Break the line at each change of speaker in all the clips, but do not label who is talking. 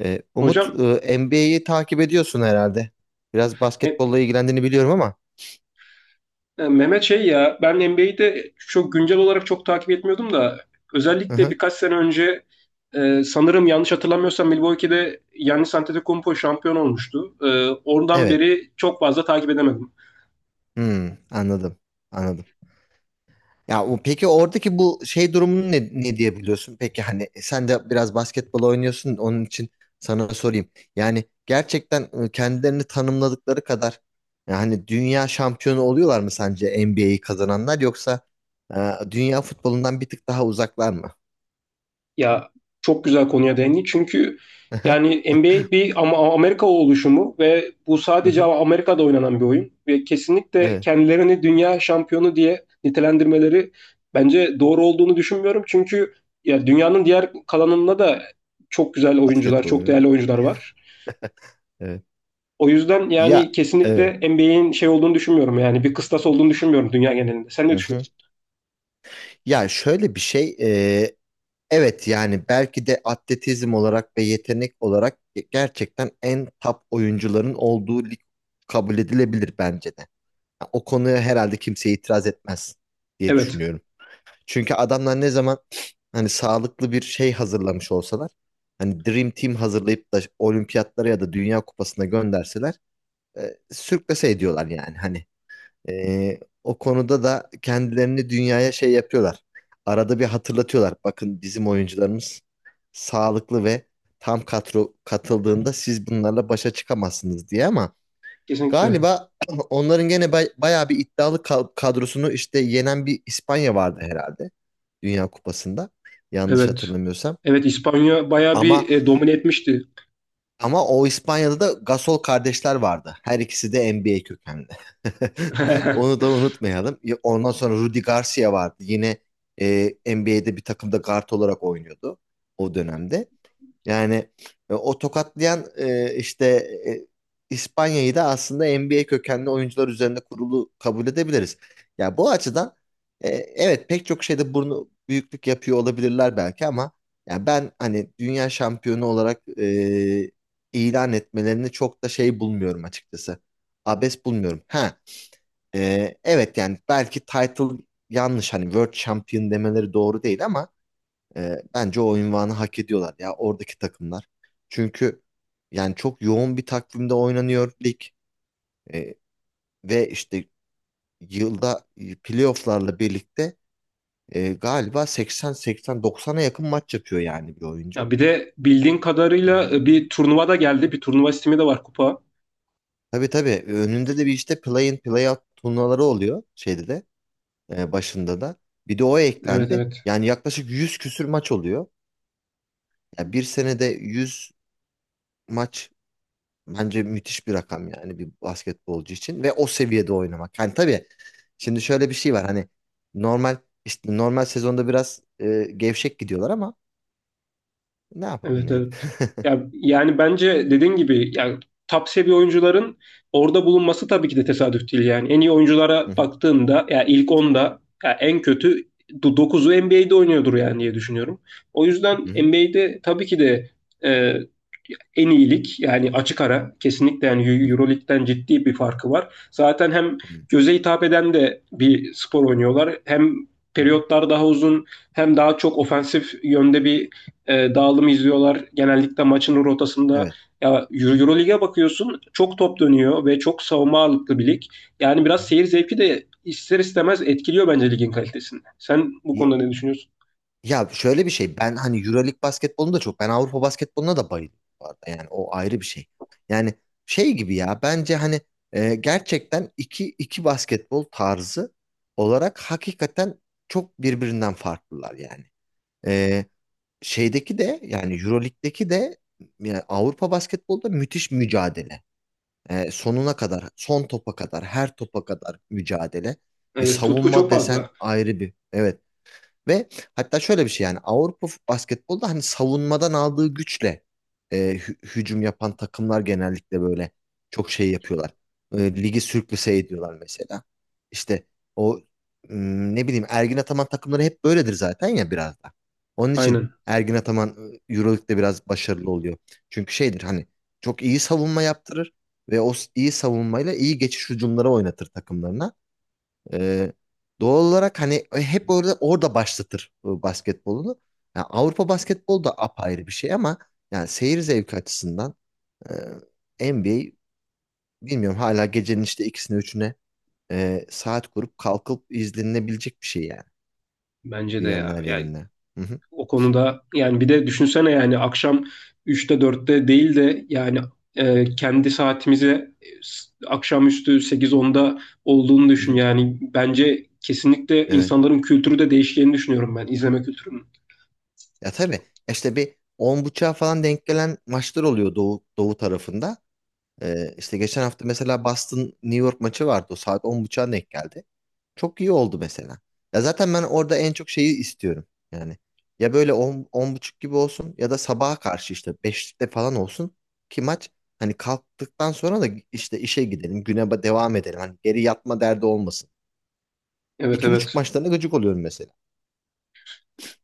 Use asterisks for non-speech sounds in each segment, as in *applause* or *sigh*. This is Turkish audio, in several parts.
Umut,
Hocam
NBA'yi takip ediyorsun herhalde. Biraz
e,
basketbolla ilgilendiğini biliyorum ama.
Mehmet şey ya ben NBA'de çok güncel olarak çok takip etmiyordum da
Hı
özellikle
hı.
birkaç sene önce sanırım yanlış hatırlamıyorsam Milwaukee'de Giannis Antetokounmpo şampiyon olmuştu. Oradan
Evet.
beri çok fazla takip edemedim.
Hmm, anladım. Anladım. Ya peki oradaki bu şey durumunu ne diye biliyorsun? Peki hani sen de biraz basketbol oynuyorsun onun için sana sorayım. Yani gerçekten kendilerini tanımladıkları kadar yani dünya şampiyonu oluyorlar mı sence NBA'yi kazananlar yoksa e, dünya futbolundan bir tık daha uzaklar mı?
Ya çok güzel konuya değindin. Çünkü
*laughs*
yani NBA bir ama Amerika oluşumu ve bu
Hı
sadece
hı.
Amerika'da oynanan bir oyun ve kesinlikle
Evet.
kendilerini dünya şampiyonu diye nitelendirmeleri bence doğru olduğunu düşünmüyorum. Çünkü ya dünyanın diğer kalanında da çok güzel oyuncular,
Basketbol
çok
oynuyor.
değerli oyuncular var.
Evet.
O yüzden yani
Ya evet.
kesinlikle NBA'in şey olduğunu düşünmüyorum yani bir kıstas olduğunu düşünmüyorum dünya genelinde. Sen ne
Hı hı.
düşünüyorsun?
Ya şöyle bir şey, evet, yani belki de atletizm olarak ve yetenek olarak gerçekten en top oyuncuların olduğu lig kabul edilebilir bence de. Ha, o konuya herhalde kimse itiraz etmez diye
Evet,
düşünüyorum. Çünkü adamlar ne zaman hani sağlıklı bir şey hazırlamış olsalar, hani Dream Team hazırlayıp da olimpiyatlara ya da Dünya Kupası'na gönderseler, sürklese ediyorlar yani hani. O konuda da kendilerini dünyaya şey yapıyorlar. Arada bir hatırlatıyorlar. Bakın, bizim oyuncularımız sağlıklı ve tam kadro katıldığında siz bunlarla başa çıkamazsınız diye. Ama
kesinlikle.
galiba *clears throat* onların gene bayağı bir iddialı kadrosunu işte yenen bir İspanya vardı herhalde Dünya Kupası'nda. Yanlış
Evet.
hatırlamıyorsam.
Evet, İspanya bayağı
Ama
bir domine etmişti.
Ama o İspanya'da da Gasol kardeşler vardı. Her ikisi de NBA kökenli. *laughs* Onu
*laughs*
da unutmayalım. Ya, ondan sonra Rudy Garcia vardı. Yine e, NBA'de bir takımda guard olarak oynuyordu o dönemde. Yani o tokatlayan, işte, e, İspanya'yı da aslında NBA kökenli oyuncular üzerinde kurulu kabul edebiliriz. Ya bu açıdan evet, pek çok şeyde burnu büyüklük yapıyor olabilirler belki ama ya ben hani dünya şampiyonu olarak ilan etmelerini çok da şey bulmuyorum açıkçası. Abes bulmuyorum. Ha, evet, yani belki title yanlış, hani World Champion demeleri doğru değil ama bence o unvanı hak ediyorlar ya, oradaki takımlar. Çünkü yani çok yoğun bir takvimde oynanıyor lig. Ee, Ve işte yılda playofflarla birlikte, galiba 80-80-90'a yakın maç yapıyor yani bir oyuncu.
Ya bir de
Yani,
bildiğin
hı
kadarıyla
hı.
bir turnuva da geldi. Bir turnuva sistemi de var, kupa.
Tabii tabii, önünde de bir işte play-in play-out turnuvaları oluyor, şeyde de, başında da. Bir de o
Evet,
eklendi.
evet.
Yani yaklaşık 100 küsür maç oluyor. Yani bir senede 100 maç. Bence müthiş bir rakam yani bir basketbolcu için ve o seviyede oynamak. Yani tabii, şimdi şöyle bir şey var hani, normal, işte normal sezonda biraz gevşek gidiyorlar ama ne yapalım
Evet,
yani.
evet. Ya, yani bence dediğin gibi yani top seviye oyuncuların orada bulunması tabii ki de tesadüf değil yani. En iyi
Hı
oyunculara
hı.
baktığımda ya ilk onda ya en kötü 9'u NBA'de oynuyordur yani diye düşünüyorum. O yüzden
Hı hı.
NBA'de tabii ki de en iyilik yani açık ara kesinlikle
Hı
yani Euroleague'den ciddi bir farkı var. Zaten hem
hı.
göze hitap eden de bir spor oynuyorlar. Hem
Hı hı.
periyotlar daha uzun, hem daha çok ofensif yönde bir dağılım izliyorlar. Genellikle maçın rotasında
Evet.
ya Euroleague'e bakıyorsun, çok top dönüyor ve çok savunma ağırlıklı bir lig. Yani
Hı
biraz
hı.
seyir zevki de ister istemez etkiliyor bence ligin kalitesini. Sen bu
Ye-
konuda ne düşünüyorsun?
Ya şöyle bir şey, ben hani EuroLeague basketbolunu da, çok ben Avrupa basketboluna da bayılıyorum bu arada, yani o ayrı bir şey. Yani şey gibi, ya bence hani gerçekten iki basketbol tarzı olarak hakikaten çok birbirinden farklılar yani. Ee, Şeydeki de, yani Euroleague'deki de, yani Avrupa basketbolda müthiş mücadele. Sonuna kadar, son topa kadar, her topa kadar mücadele.
Evet, tutku
Savunma
çok
desen
fazla.
ayrı bir. Evet, ve hatta şöyle bir şey, yani Avrupa basketbolda hani savunmadan aldığı güçle hücum yapan takımlar genellikle böyle çok şey yapıyorlar. E, Ligi sürklase ediyorlar mesela. İşte o, ne bileyim, Ergin Ataman takımları hep böyledir zaten ya biraz da. Onun için
Aynen.
Ergin Ataman Euroleague'de biraz başarılı oluyor. Çünkü şeydir hani, çok iyi savunma yaptırır ve o iyi savunmayla iyi geçiş hücumları oynatır takımlarına. Ee, Doğal olarak hani hep orada başlatır basketbolunu. Yani Avrupa basketbolu da apayrı bir şey ama yani seyir zevki açısından NBA, bilmiyorum, hala gecenin işte ikisine üçüne saat kurup kalkıp izlenebilecek bir şey yani
Bence de
dünyanın
ya.
her
Ya
yerinde. Hı hı.
o konuda yani bir de düşünsene yani akşam üçte dörtte değil de yani kendi saatimize akşamüstü 8-10'da olduğunu
Hı
düşün.
hı.
Yani bence kesinlikle
Evet.
insanların kültürü de değişeceğini düşünüyorum ben, izleme kültürünün.
Ya tabii, işte bir 10 buçuğa falan denk gelen maçlar oluyor doğu tarafında. İşte geçen hafta mesela Boston New York maçı vardı. O saat 10 buçuğa denk geldi. Çok iyi oldu mesela. Ya zaten ben orada en çok şeyi istiyorum. Yani ya böyle 10 10 buçuk gibi olsun ya da sabaha karşı işte beşte falan olsun, ki maç hani kalktıktan sonra da işte işe gidelim, güne devam edelim. Hani geri yatma derdi olmasın.
Evet,
İki buçuk
evet.
maçlarına gıcık oluyorum mesela.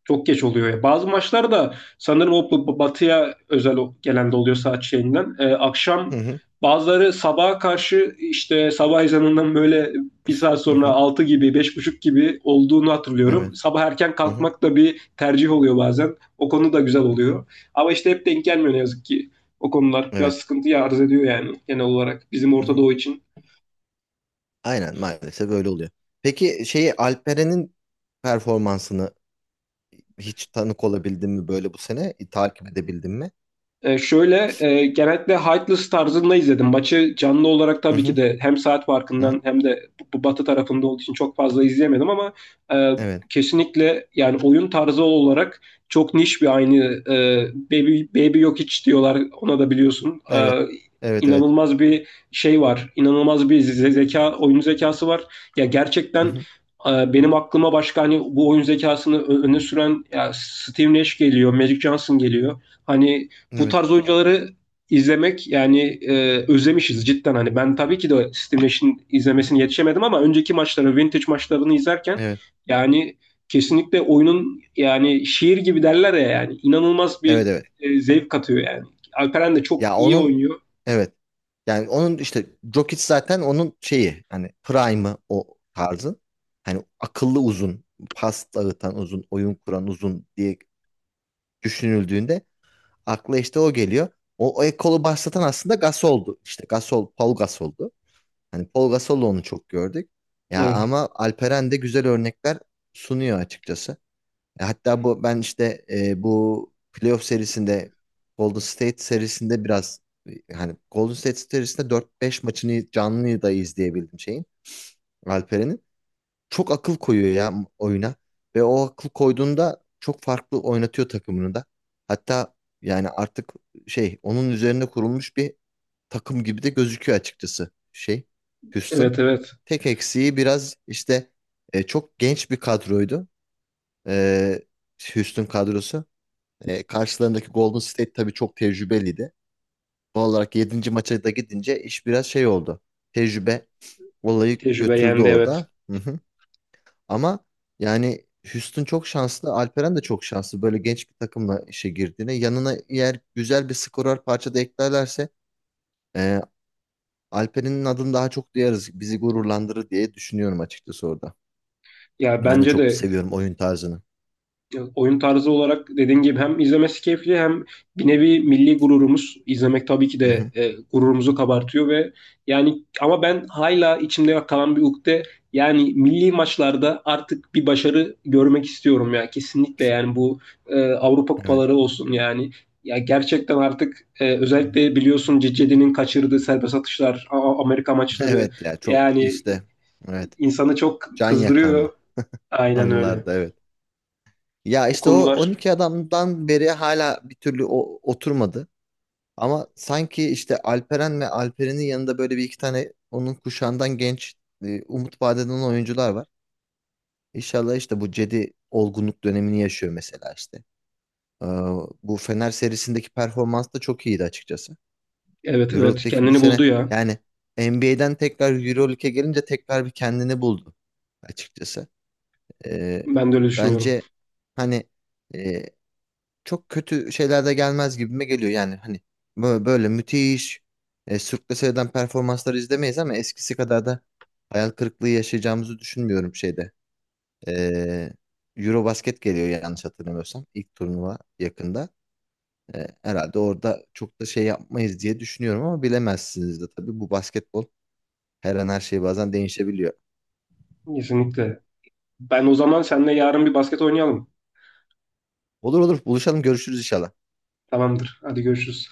Çok geç oluyor ya. Bazı maçlar da sanırım o batıya özel gelen de oluyor saat şeyinden. Akşam
Hı hı.
bazıları sabaha karşı işte sabah ezanından böyle bir saat
Hı
sonra
hı.
6 gibi, beş buçuk gibi olduğunu hatırlıyorum.
Evet.
Sabah erken
Hı hı.
kalkmak da bir tercih oluyor bazen. O konu da güzel oluyor. Ama işte hep denk gelmiyor ne yazık ki. O konular biraz
Evet.
sıkıntı arz ediyor yani genel olarak bizim
Hı
Orta
hı.
Doğu için.
Aynen, maalesef öyle oluyor. Peki şeyi, Alperen'in performansını hiç tanık olabildin mi böyle bu sene? Takip edebildin mi?
Şöyle genellikle Heightless tarzında izledim. Maçı canlı olarak
Hı
tabii ki
hı.
de hem saat
Hı hı.
farkından hem de bu batı tarafında olduğu için çok fazla izleyemedim ama e,
Evet.
kesinlikle yani oyun tarzı olarak çok niş bir aynı e, Baby Jokic diyorlar ona da biliyorsun.
Evet. Evet evet.
İnanılmaz bir şey var. İnanılmaz bir zeka, oyun zekası var. Ya
Hı
gerçekten
hı.
benim aklıma başka hani bu oyun zekasını öne süren ya Steve Nash geliyor, Magic Johnson geliyor. Hani bu
Evet.
tarz oyuncuları izlemek yani özlemişiz cidden. Hani ben tabii ki de Steve Nash'in
Hı hı.
izlemesini yetişemedim ama önceki maçları, vintage maçlarını izlerken
Evet.
yani kesinlikle oyunun yani şiir gibi derler ya yani inanılmaz bir
Evet evet.
zevk katıyor yani. Alperen de çok
Ya
iyi
onun,
oynuyor.
evet. Yani onun işte, Jokic zaten onun şeyi, hani prime'ı o tarzı. Hani akıllı uzun, pas dağıtan uzun, oyun kuran uzun diye düşünüldüğünde akla işte o geliyor. O ekolu başlatan aslında Gasol'du. İşte Gasol, Paul Gasol'du. Hani Paul Gasol'la onu çok gördük. Ya
Evet,
ama Alperen de güzel örnekler sunuyor açıkçası. Hatta bu, ben işte bu playoff serisinde, Golden State serisinde biraz hani Golden State serisinde dört beş maçını canlı da izleyebildim şeyin, Alperen'in. Çok akıl koyuyor ya oyuna ve o akıl koyduğunda çok farklı oynatıyor takımını da. Hatta yani artık şey, onun üzerine kurulmuş bir takım gibi de gözüküyor açıkçası, şey, Houston.
evet, evet.
Tek eksiği biraz işte, çok genç bir kadroydu e, Houston kadrosu. Karşılarındaki Golden State tabii çok tecrübeliydi. Doğal olarak yedinci maça da gidince iş biraz şey oldu. Tecrübe olayı
Tecrübe
götürdü
yendi, evet.
orada. Hı hı. Ama yani Houston çok şanslı. Alperen de çok şanslı. Böyle genç bir takımla işe girdiğine. Yanına eğer güzel bir skorer parça da eklerlerse e, Alperen'in adını daha çok duyarız. Bizi gururlandırır diye düşünüyorum açıkçası orada.
Ya
Ben de
bence
çok
de.
seviyorum oyun tarzını.
Evet, oyun tarzı olarak dediğin gibi hem izlemesi keyifli, hem bir nevi milli gururumuz, izlemek tabii ki
Hı
de
hı.
gururumuzu kabartıyor ve yani ama ben hala içimde kalan bir ukde, yani milli maçlarda artık bir başarı görmek istiyorum ya kesinlikle yani bu Avrupa kupaları olsun yani, ya gerçekten artık
Evet.
özellikle biliyorsun Cicedi'nin kaçırdığı serbest atışlar, Amerika
*laughs*
maçları
Evet, ya çok
yani
işte, evet,
insanı çok
can
kızdırıyor,
yakandı
aynen öyle
anılarda, evet. Ya
o
işte o
konular.
12 adamdan beri hala bir türlü oturmadı. Ama sanki işte Alperen ve Alperen'in yanında böyle bir iki tane onun kuşağından genç, umut vaat eden oyuncular var. İnşallah işte bu Cedi olgunluk dönemini yaşıyor mesela işte. Ee, Bu Fener serisindeki performans da çok iyiydi açıkçası.
Evet, evet,
Euroleague'deki bu
kendini
sene,
buldu ya.
yani NBA'den tekrar Euroleague'e gelince tekrar bir kendini buldu açıkçası. Ee,
Ben de öyle düşünüyorum.
Bence hani e, çok kötü şeyler de gelmez gibime geliyor. Yani hani böyle müthiş sürklese eden performansları izlemeyiz ama eskisi kadar da hayal kırıklığı yaşayacağımızı düşünmüyorum şeyde. Ee, Eurobasket geliyor yanlış hatırlamıyorsam, ilk turnuva yakında. Herhalde orada çok da şey yapmayız diye düşünüyorum ama bilemezsiniz de tabii, bu basketbol her an her şey bazen değişebiliyor.
Kesinlikle. Ben o zaman seninle yarın bir basket oynayalım.
Olur olur, buluşalım, görüşürüz inşallah.
Tamamdır. Hadi, görüşürüz.